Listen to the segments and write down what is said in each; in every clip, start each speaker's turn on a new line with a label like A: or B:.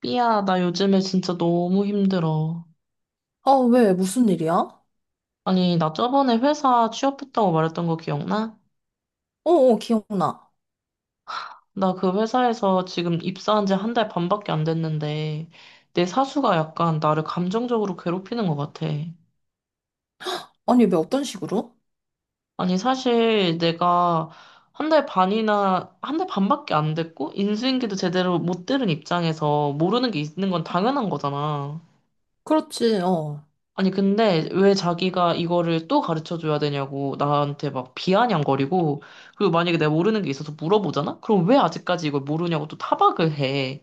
A: 삐야, 나 요즘에 진짜 너무 힘들어.
B: 아, 왜? 무슨 일이야? 어,
A: 아니, 나 저번에 회사 취업했다고 말했던 거 기억나?
B: 어, 기억나.
A: 나 그 회사에서 지금 입사한 지 한 달 반밖에 안 됐는데, 내 사수가 약간 나를 감정적으로 괴롭히는 것 같아.
B: 아니, 왜 어떤 식으로?
A: 아니, 사실 내가 한 달 반이나, 한 달 반밖에 안 됐고, 인수인계도 제대로 못 들은 입장에서 모르는 게 있는 건 당연한 거잖아.
B: 그렇지, 어.
A: 아니, 근데 왜 자기가 이거를 또 가르쳐 줘야 되냐고 나한테 막 비아냥거리고, 그리고 만약에 내가 모르는 게 있어서 물어보잖아? 그럼 왜 아직까지 이걸 모르냐고 또 타박을 해.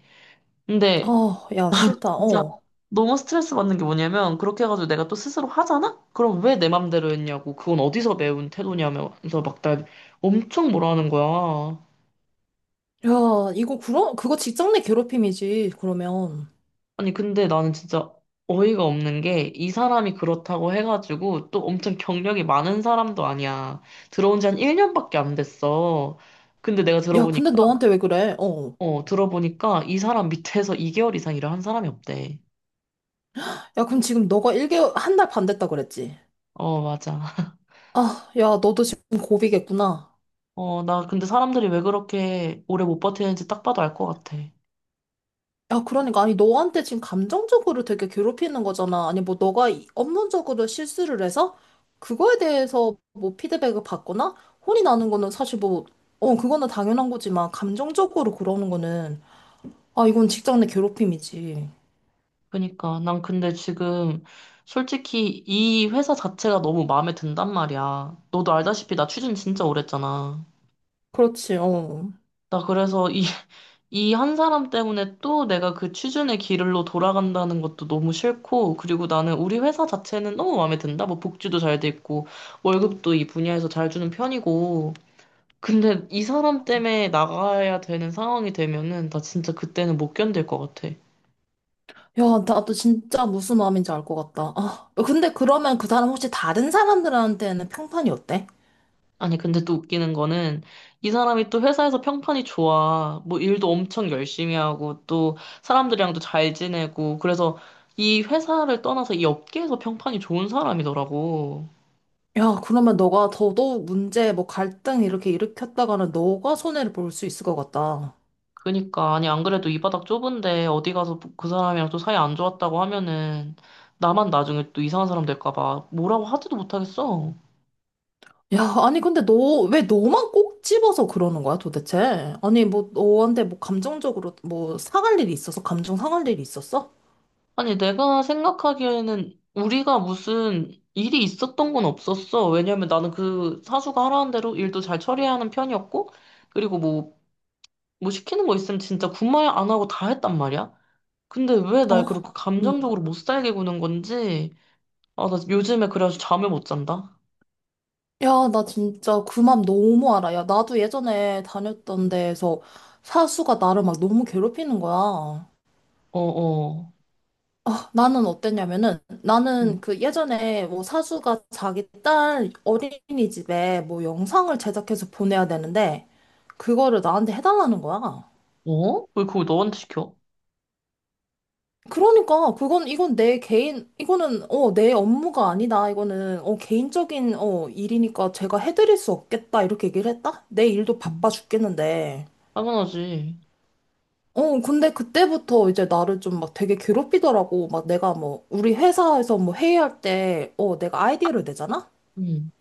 A: 근데
B: 아, 야, 싫다,
A: 진짜
B: 어.
A: 너무 스트레스 받는 게 뭐냐면, 그렇게 해가지고 내가 또 스스로 하잖아? 그럼 왜 내 맘대로 했냐고, 그건 어디서 배운 태도냐면서 막 날 엄청 뭐라 하는 거야.
B: 야, 이거, 그거 직장 내 괴롭힘이지, 그러면.
A: 아니, 근데 나는 진짜 어이가 없는 게 이 사람이 그렇다고 해가지고 또 엄청 경력이 많은 사람도 아니야. 들어온 지 한 1년밖에 안 됐어. 근데 내가
B: 야, 근데
A: 들어보니까,
B: 너한테 왜 그래? 어.
A: 어, 들어보니까 이 사람 밑에서 2개월 이상 일을 한 사람이 없대.
B: 야, 그럼 지금 너가 1개월, 한 달 반 됐다 그랬지?
A: 어, 맞아.
B: 아, 야, 너도 지금 고비겠구나.
A: 어, 나 근데 사람들이 왜 그렇게 오래 못 버티는지 딱 봐도 알 것 같아.
B: 야, 그러니까, 아니, 너한테 지금 감정적으로 되게 괴롭히는 거잖아. 아니, 뭐, 너가 이- 업무적으로 실수를 해서 그거에 대해서 뭐 피드백을 받거나 혼이 나는 거는 사실 뭐, 어, 그거는 당연한 거지만, 감정적으로 그러는 거는, 아, 이건 직장 내 괴롭힘이지.
A: 그니까 난 근데 지금 솔직히 이 회사 자체가 너무 마음에 든단 말이야. 너도 알다시피 나 취준 진짜 오래 했잖아.
B: 그렇지, 어.
A: 나 그래서 이 한 사람 때문에 또 내가 그 취준의 길로 돌아간다는 것도 너무 싫고, 그리고 나는 우리 회사 자체는 너무 마음에 든다. 뭐 복지도 잘 돼 있고, 월급도 이 분야에서 잘 주는 편이고. 근데 이 사람 때문에 나가야 되는 상황이 되면은 나 진짜 그때는 못 견딜 것 같아.
B: 야, 나도 진짜 무슨 마음인지 알 것 같다. 아, 근데 그러면 그 사람 혹시 다른 사람들한테는 평판이 어때?
A: 아니, 근데 또 웃기는 거는 이 사람이 또 회사에서 평판이 좋아. 뭐 일도 엄청 열심히 하고, 또 사람들이랑도 잘 지내고, 그래서 이 회사를 떠나서 이 업계에서 평판이 좋은 사람이더라고.
B: 야, 그러면 너가 더더욱 문제, 뭐 갈등 이렇게 일으켰다가는 너가 손해를 볼 수 있을 것 같다.
A: 그니까 아니 안 그래도 이 바닥 좁은데 어디 가서 그 사람이랑 또 사이 안 좋았다고 하면은 나만 나중에 또 이상한 사람 될까 봐 뭐라고 하지도 못하겠어.
B: 야, 아니, 근데 너, 왜 너만 꼭 집어서 그러는 거야, 도대체? 아니, 뭐, 너한테 뭐, 감정적으로, 뭐, 상할 일이 있어서? 감정 상할 일이 있었어?
A: 아니 내가 생각하기에는 우리가 무슨 일이 있었던 건 없었어. 왜냐면 나는 그 사수가 하라는 대로 일도 잘 처리하는 편이었고 그리고 뭐 시키는 거 있으면 진짜 군말 안 하고 다 했단 말이야. 근데 왜
B: 어,
A: 날 그렇게
B: 음.
A: 감정적으로 못 살게 구는 건지. 아, 나 요즘에 그래가지고 잠을 못 잔다.
B: 야, 나 진짜 그 맘 너무 알아. 야, 나도 예전에 다녔던 데에서 사수가 나를 막 너무 괴롭히는 거야.
A: 어어.
B: 아, 나는 어땠냐면은, 나는 그 예전에 뭐, 사수가 자기 딸 어린이집에 뭐, 영상을 제작해서 보내야 되는데, 그거를 나한테 해달라는 거야.
A: 어? 왜 그걸 너한테 시켜?
B: 그러니까 그건 이건 내 개인 이거는 어 내 업무가 아니다 이거는 어 개인적인 어 일이니까 제가 해드릴 수 없겠다 이렇게 얘기를 했다. 내 일도 바빠
A: 음,
B: 죽겠는데
A: 당연하지.
B: 어 근데 그때부터 이제 나를 좀 막 되게 괴롭히더라고. 막 내가 뭐 우리 회사에서 뭐 회의할 때 어 내가 아이디어를 내잖아.
A: 음.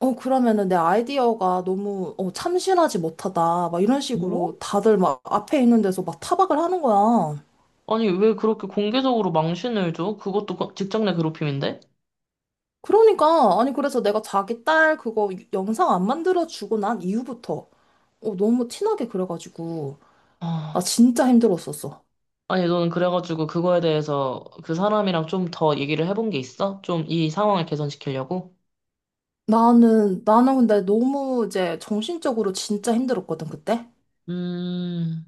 B: 어 그러면은 내 아이디어가 너무 어 참신하지 못하다 막 이런
A: 어?
B: 식으로 다들 막 앞에 있는 데서 막 타박을 하는 거야.
A: 아니, 왜 그렇게 공개적으로 망신을 줘? 그것도 거- 직장 내 괴롭힘인데?
B: 그러니까 아니 그래서 내가 자기 딸 그거 영상 안 만들어 주고 난 이후부터 어, 너무 티나게 그래가지고 나
A: 아,
B: 진짜 힘들었었어.
A: 아니, 너는 그래가지고 그거에 대해서 그 사람이랑 좀 더 얘기를 해본 게 있어? 좀 이 상황을 개선시키려고?
B: 나는 근데 너무 이제 정신적으로 진짜 힘들었거든 그때.
A: 음,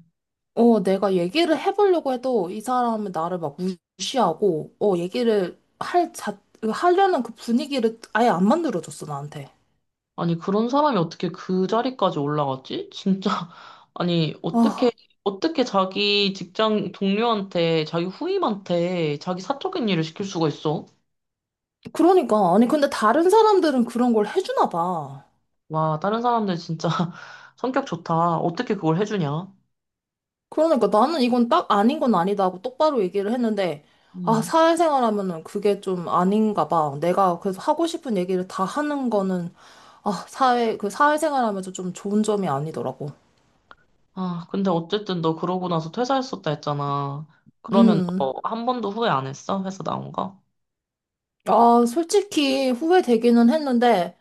B: 어 내가 얘기를 해보려고 해도 이 사람은 나를 막 무시하고 어 얘기를 할 하려는 그 분위기를 아예 안 만들어줬어 나한테.
A: 아니, 그런 사람이 어떻게 그 자리까지 올라갔지? 진짜, 아니, 어떻게,
B: 아
A: 어떻게 자기 직장 동료한테, 자기 후임한테, 자기 사적인 일을 시킬 수가 있어?
B: 그러니까 아니 근데 다른 사람들은 그런 걸 해주나 봐.
A: 와, 다른 사람들 진짜 성격 좋다. 어떻게 그걸 해주냐?
B: 그러니까 나는 이건 딱 아닌 건 아니다 하고 똑바로 얘기를 했는데, 아,
A: 음.
B: 사회생활 하면은 그게 좀 아닌가 봐. 내가 그래서 하고 싶은 얘기를 다 하는 거는, 아, 사회, 그 사회생활 하면서 좀 좋은 점이 아니더라고.
A: 아, 근데 어쨌든 너 그러고 나서 퇴사했었다 했잖아. 그러면 너
B: 음,
A: 한 번도 후회 안 했어? 회사 나온 거?
B: 아, 솔직히 후회되기는 했는데,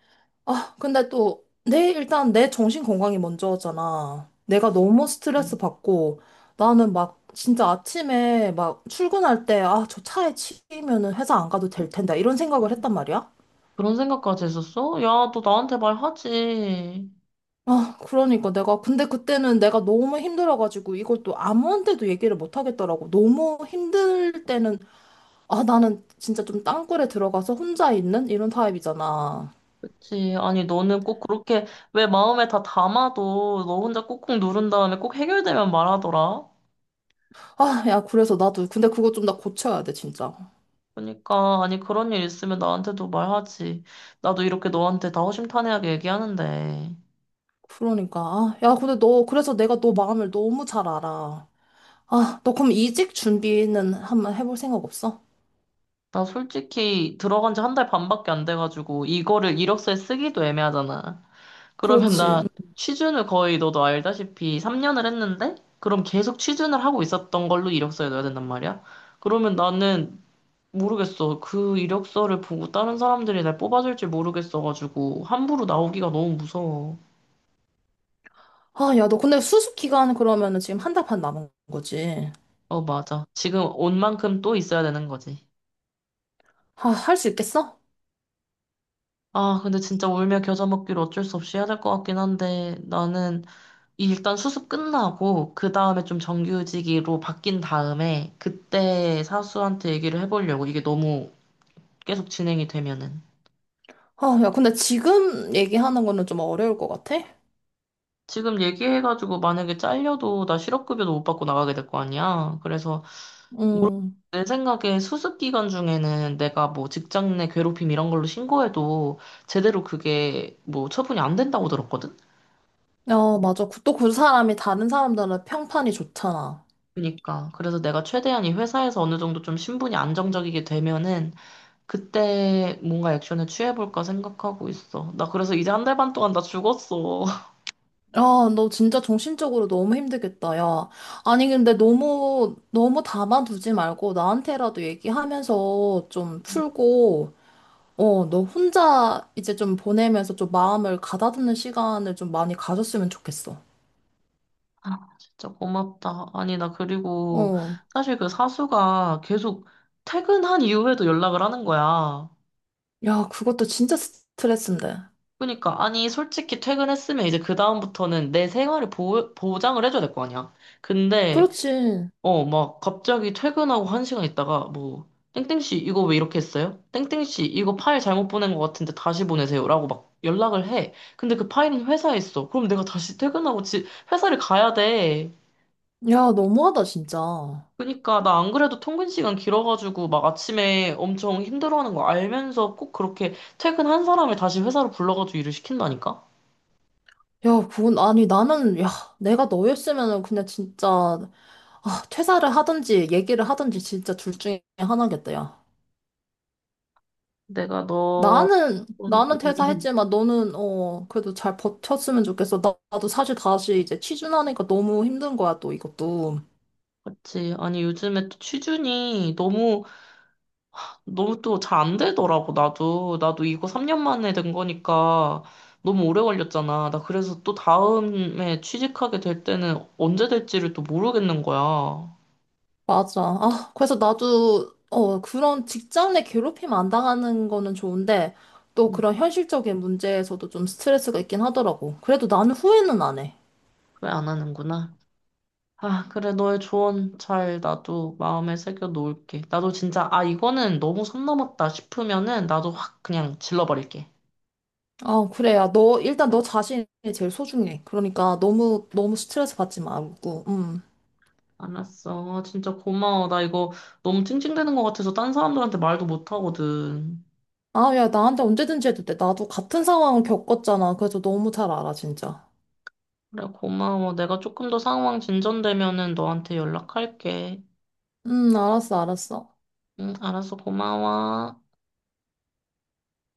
B: 아, 근데 또, 내, 일단 내 정신 건강이 먼저잖아. 내가 너무 스트레스
A: 음.
B: 받고, 나는 막, 진짜 아침에 막 출근할 때, 아, 저 차에 치이면은 회사 안 가도 될 텐데, 이런 생각을 했단 말이야.
A: 그런 생각까지 했었어? 야, 너 나한테 말하지.
B: 아, 그러니까 내가, 근데 그때는 내가 너무 힘들어가지고 이걸 또 아무한테도 얘기를 못 하겠더라고. 너무 힘들 때는, 아, 나는 진짜 좀 땅굴에 들어가서 혼자 있는 이런 타입이잖아.
A: 그치. 아니, 너는 꼭 그렇게 왜 마음에 다 담아도 너 혼자 꾹꾹 누른 다음에 꼭 해결되면 말하더라.
B: 아, 야, 그래서 나도, 근데 그거 좀 나 고쳐야 돼, 진짜.
A: 그러니까, 아니, 그런 일 있으면 나한테도 말하지. 나도 이렇게 너한테 다 허심탄회하게 얘기하는데.
B: 그러니까, 아, 야, 근데 너, 그래서 내가 너 마음을 너무 잘 알아. 아, 너 그럼 이직 준비는 한번 해볼 생각 없어?
A: 나 솔직히 들어간 지 한 달 반밖에 안 돼가지고 이거를 이력서에 쓰기도 애매하잖아. 그러면 응.
B: 그렇지.
A: 나
B: 음.
A: 취준을 거의 너도 알다시피 3년을 했는데 그럼 계속 취준을 하고 있었던 걸로 이력서에 넣어야 된단 말이야. 그러면 나는 모르겠어. 그 이력서를 보고 다른 사람들이 날 뽑아줄지 모르겠어가지고 함부로 나오기가 너무 무서워.
B: 아, 야, 너 근데 수습 기간 그러면은 지금 한 달 반 남은 거지.
A: 어, 맞아. 지금 온 만큼 또 있어야 되는 거지.
B: 아, 할 수 있겠어?
A: 아, 근데 진짜 울며 겨자 먹기로 어쩔 수 없이 해야 될 것 같긴 한데 나는 일단 수습 끝나고 그 다음에 좀 정규직으로 바뀐 다음에 그때 사수한테 얘기를 해보려고. 이게 너무 계속 진행이 되면은
B: 아, 야, 근데 지금 얘기하는 거는 좀 어려울 것 같아?
A: 지금 얘기해가지고 만약에 잘려도 나 실업급여도 못 받고 나가게 될 거 아니야. 그래서 올-
B: 음.
A: 내 생각에 수습 기간 중에는 내가 뭐 직장 내 괴롭힘 이런 걸로 신고해도 제대로 그게 뭐 처분이 안 된다고 들었거든.
B: 야, 맞아. 또 그 사람이 다른 사람들은 평판이 좋잖아.
A: 그러니까 그래서 내가 최대한 이 회사에서 어느 정도 좀 신분이 안정적이게 되면은 그때 뭔가 액션을 취해볼까 생각하고 있어. 나 그래서 이제 한 달 반 동안 나 죽었어.
B: 야, 너 진짜 정신적으로 너무 힘들겠다, 야. 아니, 근데 너무, 너무 담아두지 말고 나한테라도 얘기하면서 좀 풀고, 어, 너 혼자 이제 좀 보내면서 좀 마음을 가다듬는 시간을 좀 많이 가졌으면 좋겠어.
A: 진짜 고맙다. 아니, 나 그리고
B: 어.
A: 사실 그 사수가 계속 퇴근한 이후에도 연락을 하는 거야.
B: 야, 그것도 진짜 스트레스인데.
A: 그러니까, 아니, 솔직히 퇴근했으면 이제 그다음부터는 내 생활을 보, 보장을 해줘야 될 거 아니야. 근데
B: 그렇지.
A: 어, 막 갑자기 퇴근하고 한 시간 있다가 뭐 땡땡씨 이거 왜 이렇게 했어요? 땡땡씨 이거 파일 잘못 보낸 것 같은데 다시 보내세요라고 막 연락을 해. 근데 그 파일은 회사에 있어. 그럼 내가 다시 퇴근하고 지, 회사를 가야 돼.
B: 야, 너무하다, 진짜.
A: 그러니까 나 안 그래도 통근 시간 길어가지고 막 아침에 엄청 힘들어하는 거 알면서 꼭 그렇게 퇴근한 사람을 다시 회사로 불러가지고 일을 시킨다니까?
B: 야, 그건, 아니, 나는, 야, 내가 너였으면은 그냥 진짜, 아, 퇴사를 하든지, 얘기를 하든지, 진짜 둘 중에 하나겠다, 야.
A: 내가 너
B: 나는,
A: 음,
B: 나는
A: 음, 음.
B: 퇴사했지만, 너는, 어, 그래도 잘 버텼으면 좋겠어. 나도 사실 다시 이제 취준하니까 너무 힘든 거야, 또 이것도.
A: 그치. 아니, 요즘에 또 취준이 너무 너무 또 잘 안 되더라고, 나도. 나도 이거 3년 만에 된 거니까 너무 오래 걸렸잖아. 나 그래서 또 다음에 취직하게 될 때는 언제 될지를 또 모르겠는 거야.
B: 맞아. 아, 그래서 나도, 어, 그런 직장 내 괴롭힘 안 당하는 거는 좋은데, 또 그런 현실적인 문제에서도 좀 스트레스가 있긴 하더라고. 그래도 나는 후회는 안 해.
A: 왜 안 하는구나. 아, 그래, 너의 조언 잘 나도 마음에 새겨 놓을게. 나도 진짜, 아, 이거는 너무 선 넘었다 싶으면은 나도 확 그냥 질러버릴게.
B: 어, 그래. 야, 너, 일단 너 자신이 제일 소중해. 그러니까 너무, 너무 스트레스 받지 말고,
A: 알았어. 진짜 고마워. 나 이거 너무 찡찡대는 것 같아서 딴 사람들한테 말도 못 하거든.
B: 아, 야, 나한테 언제든지 해도 돼. 나도 같은 상황을 겪었잖아. 그래서 너무 잘 알아, 진짜.
A: 그래, 고마워. 내가 조금 더 상황 진전되면은 너한테 연락할게.
B: 알았어, 알았어.
A: 응, 알았어, 고마워.